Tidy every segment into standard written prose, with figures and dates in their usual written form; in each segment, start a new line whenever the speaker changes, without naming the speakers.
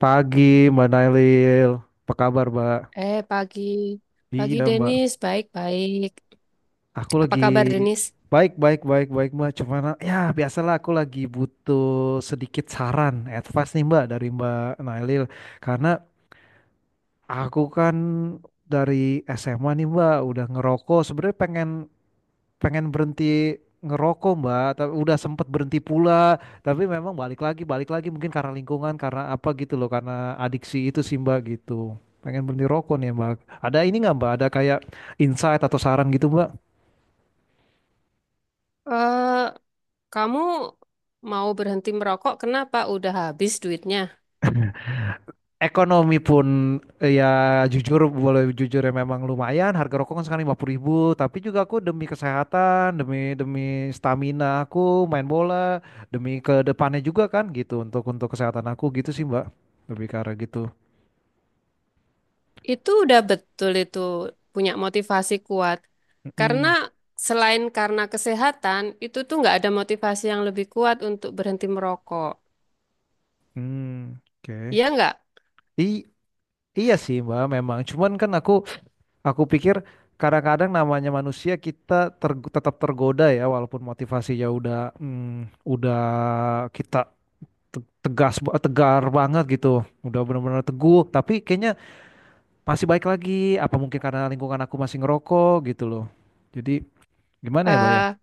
Pagi, Mbak Nailil. Apa kabar, Mbak?
Pagi. Pagi,
Iya, Mbak.
Denis. Baik-baik.
Aku
Apa
lagi
kabar, Denis?
baik, baik, baik, baik, Mbak. Cuman, ya biasalah aku lagi butuh sedikit saran, advice nih, Mbak, dari Mbak Nailil. Karena aku kan dari SMA nih, Mbak, udah ngerokok. Sebenarnya pengen pengen berhenti ngerokok Mbak, tapi udah sempet berhenti pula, tapi memang balik lagi mungkin karena lingkungan, karena apa gitu loh, karena adiksi itu sih Mbak gitu. Pengen berhenti rokok nih Mbak. Ada ini nggak Mbak? Ada kayak insight atau saran gitu Mbak?
Eh, Kamu mau berhenti merokok, kenapa? Udah habis duitnya.
Ekonomi pun ya jujur boleh jujur ya memang lumayan. Harga rokok kan sekarang 50 ribu, tapi juga aku demi kesehatan, demi demi stamina aku main bola, demi ke depannya juga kan gitu untuk kesehatan aku gitu sih Mbak. Lebih ke arah gitu.
Itu udah betul itu punya motivasi kuat. Karena
Mm,
selain karena kesehatan, itu tuh nggak ada motivasi yang lebih kuat untuk berhenti merokok.
mm, oke.
Iya nggak?
I, iya sih, Mbak, memang. Cuman kan aku pikir kadang-kadang namanya manusia kita tetap tergoda ya walaupun motivasinya mm, udah kita tegar banget gitu. Udah benar-benar teguh, tapi kayaknya masih baik lagi apa mungkin karena lingkungan aku masih ngerokok gitu loh. Jadi gimana ya, Mbak ya?
Eh,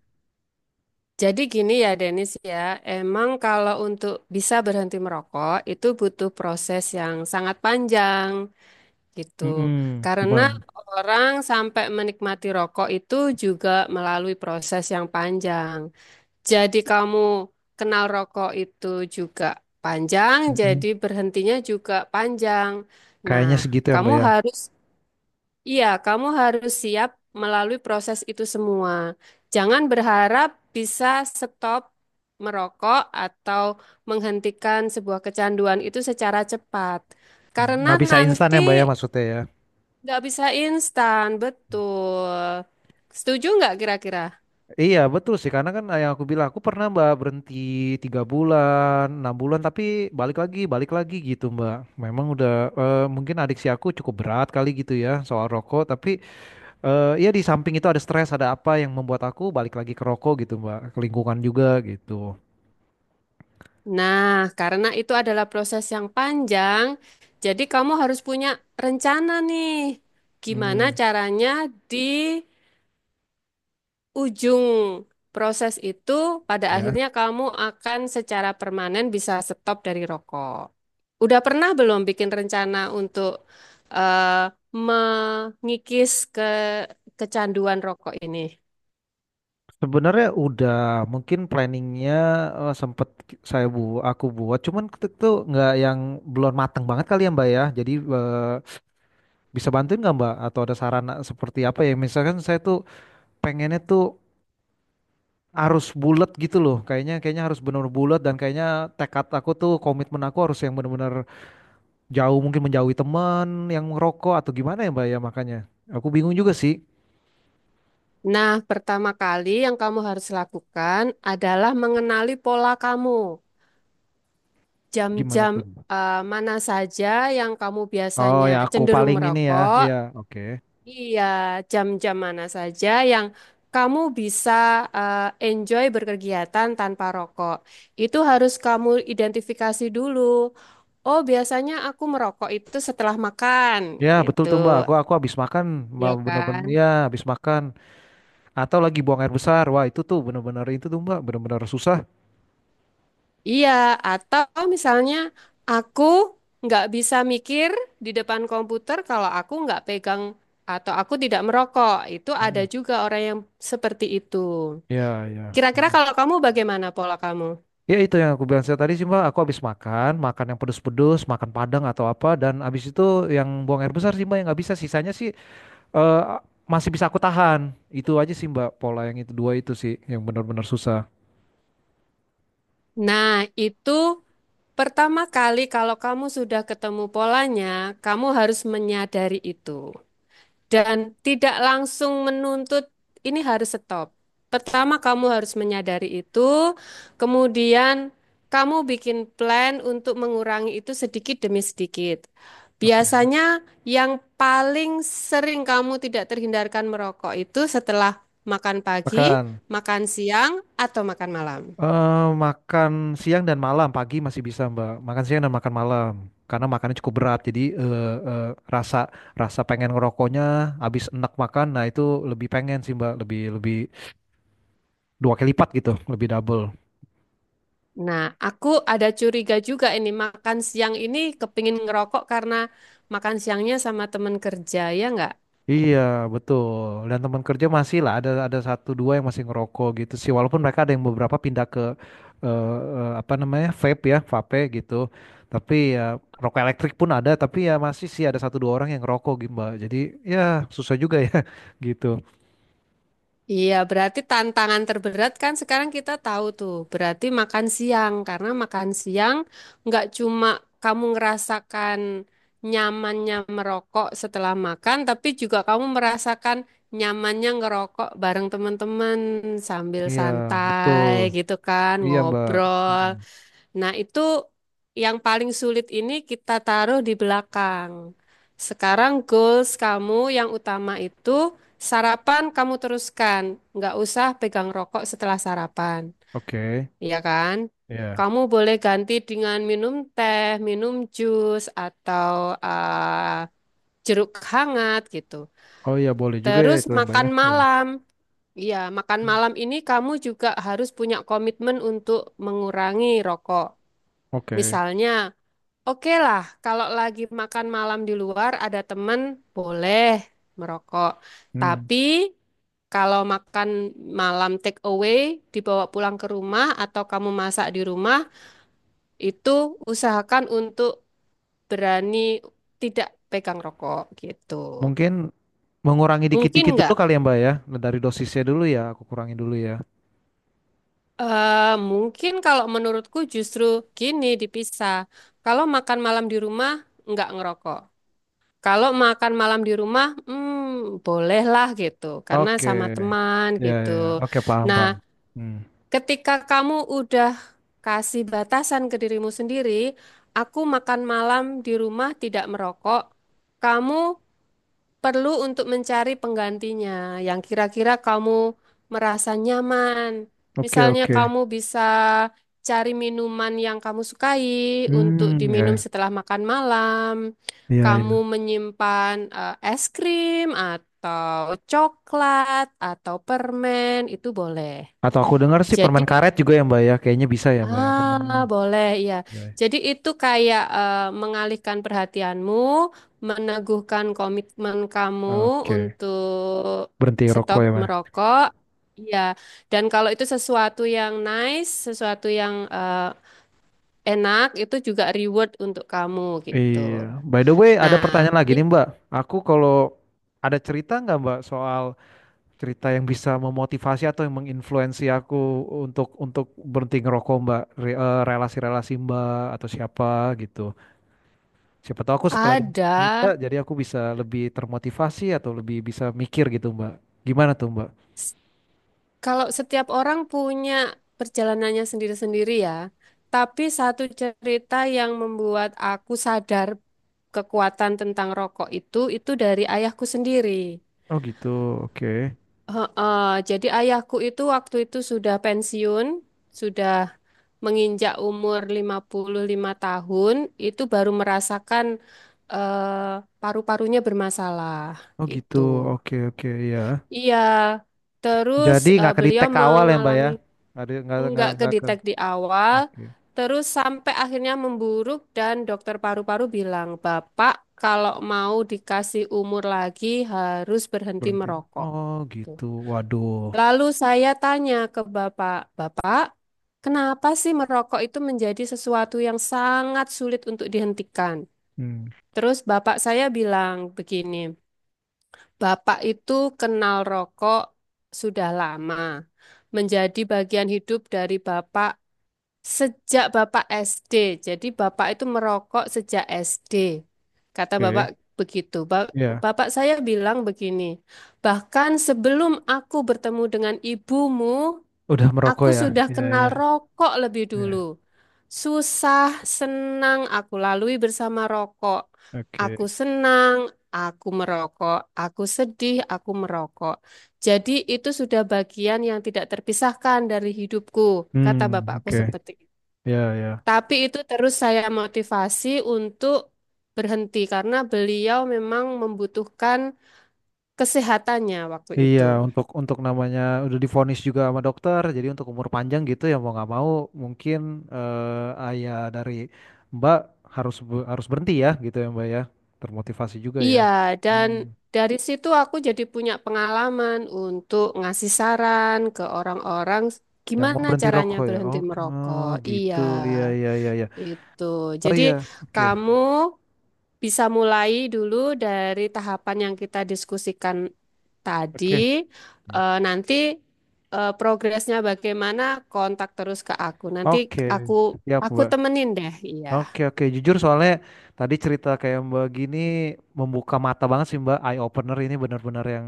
jadi gini ya, Denis ya. Emang kalau untuk bisa berhenti merokok, itu butuh proses yang sangat panjang. Gitu.
Mm-mm,
Karena
gimana?
orang sampai menikmati rokok itu juga melalui proses yang panjang. Jadi kamu kenal rokok itu juga panjang, jadi
Mm-mm.
berhentinya juga panjang. Nah,
Kayaknya segitu ya,
kamu
Mbak ya.
harus, iya, kamu harus siap melalui proses itu semua. Jangan berharap bisa stop merokok atau menghentikan sebuah kecanduan itu secara cepat. Karena
Nggak bisa instan
nanti.
ya, Mbak ya maksudnya ya.
Nggak bisa instan, betul. Setuju nggak kira-kira?
Iya betul sih, karena kan yang aku bilang, aku pernah Mbak berhenti tiga bulan, enam bulan, tapi balik lagi, balik lagi gitu Mbak, memang udah mungkin adiksi aku cukup berat kali gitu ya soal rokok, tapi ya di samping itu ada stres, ada apa yang membuat aku balik lagi ke rokok gitu Mbak, ke lingkungan juga gitu.
Nah, karena itu adalah proses yang panjang, jadi kamu harus punya rencana nih. Gimana
hmm
caranya di ujung proses itu, pada
Ya
akhirnya kamu akan secara permanen bisa stop dari rokok. Udah pernah belum bikin rencana untuk eh, mengikis ke kecanduan rokok ini?
sebenarnya udah, mungkin planningnya sempet saya bu aku buat, cuman itu tuh nggak yang belum mateng banget kali ya Mbak ya, jadi bisa bantuin nggak Mbak? Atau ada saran seperti apa ya? Misalkan saya tuh pengennya tuh harus bulat gitu loh. Kayaknya kayaknya harus benar bulat dan kayaknya tekad aku tuh komitmen aku harus yang benar-benar jauh mungkin menjauhi teman yang merokok atau gimana ya Mbak ya makanya. Aku bingung juga sih
Nah, pertama kali yang kamu harus lakukan adalah mengenali pola kamu.
gimana
Jam-jam
tuh Mbak.
mana saja yang kamu
Oh
biasanya
ya aku
cenderung
paling ini ya. Iya,
merokok?
oke.
Iya, jam-jam mana saja yang kamu bisa eh, enjoy berkegiatan tanpa rokok. Itu harus kamu identifikasi dulu. Oh, biasanya aku merokok itu setelah makan,
Ya betul
gitu.
tuh Mbak. Aku habis makan Mbak
Ya
bener-bener
kan?
ya habis makan atau lagi buang air besar. Wah, itu tuh bener-bener itu tuh Mbak bener-bener susah.
Iya, atau misalnya aku nggak bisa mikir di depan komputer kalau aku nggak pegang atau aku tidak merokok. Itu ada
Mm.
juga orang yang seperti itu.
Ya, ya.
Kira-kira kalau kamu bagaimana pola kamu?
Ya itu yang aku bilang saya tadi sih Mbak, aku habis makan, makan yang pedes-pedes, makan Padang atau apa dan habis itu yang buang air besar sih Mbak yang nggak bisa, sisanya sih eh, masih bisa aku tahan. Itu aja sih Mbak, pola yang itu dua itu sih yang benar-benar susah.
Nah, itu pertama kali kalau kamu sudah ketemu polanya, kamu harus menyadari itu, dan tidak langsung menuntut ini harus stop. Pertama, kamu harus menyadari itu, kemudian kamu bikin plan untuk mengurangi itu sedikit demi sedikit.
Oke.
Biasanya yang paling sering kamu tidak terhindarkan merokok itu setelah makan pagi,
Makan.
makan siang, atau makan malam.
Makan siang dan malam, pagi masih bisa Mbak. Makan siang dan makan malam. Karena makannya cukup berat, jadi rasa rasa pengen ngerokoknya habis enak makan, nah itu lebih pengen sih Mbak, lebih lebih dua kali lipat gitu, lebih double.
Nah, aku ada curiga juga ini makan siang ini kepingin ngerokok karena makan siangnya sama teman kerja, ya nggak?
Iya, betul. Dan teman kerja masih lah ada satu dua yang masih ngerokok gitu sih. Walaupun mereka ada yang beberapa pindah ke eh, apa namanya vape ya, vape gitu. Tapi ya rokok elektrik pun ada. Tapi ya masih sih ada satu dua orang yang ngerokok gitu Mbak. Jadi ya susah juga ya gitu.
Iya, berarti tantangan terberat kan sekarang kita tahu tuh, berarti makan siang. Karena makan siang nggak cuma kamu ngerasakan nyamannya merokok setelah makan, tapi juga kamu merasakan nyamannya ngerokok bareng teman-teman sambil
Iya,
santai
betul.
gitu kan,
Iya Mbak.
ngobrol.
Mm-mm.
Nah, itu yang paling sulit ini kita taruh di belakang. Sekarang goals kamu yang utama itu sarapan kamu teruskan. Nggak usah pegang rokok setelah sarapan,
Oke.
ya kan?
Iya.
Kamu boleh ganti dengan minum teh, minum jus, atau eh, jeruk hangat gitu.
Oh iya boleh juga ya
Terus
itu ya, Mbak ya.
makan
Iya.
malam. Iya, makan malam ini kamu juga harus punya komitmen untuk mengurangi rokok.
Oke.
Misalnya, oke lah, kalau lagi makan malam di luar ada temen boleh merokok.
Hmm.
Tapi kalau makan malam take away dibawa pulang ke rumah atau kamu masak di rumah itu usahakan untuk berani tidak pegang rokok gitu.
Mungkin mengurangi
Mungkin
dikit-dikit dulu
nggak?
kali ya Mbak ya. Dari dosisnya dulu ya, aku kurangin dulu ya.
Mungkin kalau menurutku justru gini dipisah. Kalau makan malam di rumah nggak ngerokok. Kalau makan malam di rumah, hmm, bolehlah gitu, karena
Oke,
sama teman
ya
gitu.
ya, ya. Oke, paham
Nah,
paham. Hmm.
ketika kamu udah kasih batasan ke dirimu sendiri, aku makan malam di rumah tidak merokok, kamu perlu untuk mencari penggantinya yang kira-kira kamu merasa nyaman.
Oke
Misalnya
oke.
kamu bisa cari minuman yang kamu sukai untuk
Hmm,
diminum
ya
setelah makan malam.
ya
Kamu
ya.
menyimpan es krim atau coklat atau permen itu boleh.
Atau aku dengar sih permen
Jadi
karet juga ya Mbak ya, kayaknya bisa ya Mbak ya
ah,
permen.
boleh ya.
Ya, ya.
Jadi itu kayak mengalihkan perhatianmu, meneguhkan komitmen kamu
Oke,
untuk
berhenti rokok
stop
ya Mbak.
merokok. Ya, dan kalau itu sesuatu yang nice, sesuatu yang enak, itu juga reward untuk kamu gitu.
Iya. By the way, ada
Nah,
pertanyaan lagi
i-
nih Mbak. Aku kalau ada cerita nggak Mbak soal cerita yang bisa memotivasi atau yang menginfluensi aku untuk berhenti ngerokok Mbak, relasi-relasi Mbak atau siapa gitu. Siapa tahu aku setelah dengar
ada.
cerita jadi aku bisa lebih termotivasi atau lebih bisa mikir gitu, Mbak. Gimana tuh, Mbak?
Kalau setiap orang punya perjalanannya sendiri-sendiri ya, tapi satu cerita yang membuat aku sadar kekuatan tentang rokok itu dari ayahku sendiri.
Oh gitu, oke.
Heeh, jadi ayahku itu waktu itu sudah pensiun, sudah menginjak umur 55 tahun, itu baru merasakan eh, paru-parunya bermasalah
Oh gitu,
gitu.
oke oke ya.
Iya, terus
Jadi nggak ke di
beliau
awal ya, Mbak
mengalami
ya? Nggak di-
nggak
nggak ke.
kedetek di awal,
Oke,
terus sampai akhirnya memburuk dan dokter paru-paru bilang, Bapak kalau mau dikasih umur lagi harus berhenti
berhenti.
merokok.
Oh
Tuh.
gitu, waduh.
Lalu saya tanya ke Bapak, Bapak, kenapa sih merokok itu menjadi sesuatu yang sangat sulit untuk dihentikan?
Hmm,
Terus Bapak saya bilang begini, Bapak itu kenal rokok sudah lama menjadi bagian hidup dari Bapak sejak Bapak SD, jadi Bapak itu merokok sejak SD. Kata Bapak
oke.
begitu.
Ya,
Bapak saya bilang begini, bahkan sebelum aku bertemu dengan ibumu,
udah merokok
aku
ya?
sudah
Ya
kenal
ya
rokok lebih dulu.
ya.
Susah, senang aku lalui bersama rokok. Aku
Oke.
senang, aku merokok. Aku sedih, aku merokok. Jadi itu sudah bagian yang tidak terpisahkan dari hidupku, kata
Hmm,
bapakku
oke.
seperti.
Ya ya.
Tapi itu terus saya motivasi untuk berhenti karena beliau memang membutuhkan kesehatannya waktu
Iya,
itu.
untuk namanya udah divonis juga sama dokter, jadi untuk umur panjang gitu ya mau nggak mau mungkin ayah dari Mbak harus berhenti ya gitu ya Mbak ya, termotivasi juga ya.
Iya, dan
Hmm.
dari situ aku jadi punya pengalaman untuk ngasih saran ke orang-orang
Yang mau
gimana
berhenti
caranya
rokok ya,
berhenti
oke, oh,
merokok. Iya,
gitu, iya iya iya iya,
itu.
oh
Jadi
iya, oke
kamu bisa mulai dulu dari tahapan yang kita diskusikan tadi.
oke. Hmm.
Nanti progresnya bagaimana? Kontak terus ke aku. Nanti
Oke,
aku
siap Mbak.
temenin deh. Iya,
Oke oke, jujur soalnya tadi cerita kayak Mbak gini membuka mata banget sih Mbak, eye opener ini benar-benar yang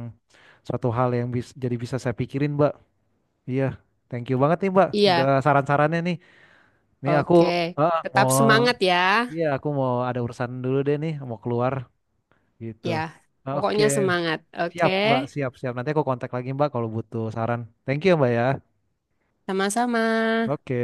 suatu hal yang bisa jadi bisa saya pikirin Mbak. Iya, thank you banget nih Mbak, udah
iya.
saran-sarannya nih. Nih aku
Oke.
ah, mau,
Tetap semangat ya.
iya aku mau ada urusan dulu deh nih, mau keluar gitu.
Ya,
Oke,
pokoknya semangat. Oke.
siap Mbak, siap siap. Nanti aku kontak lagi Mbak kalau butuh saran. Thank you Mbak ya.
Sama-sama.
Oke.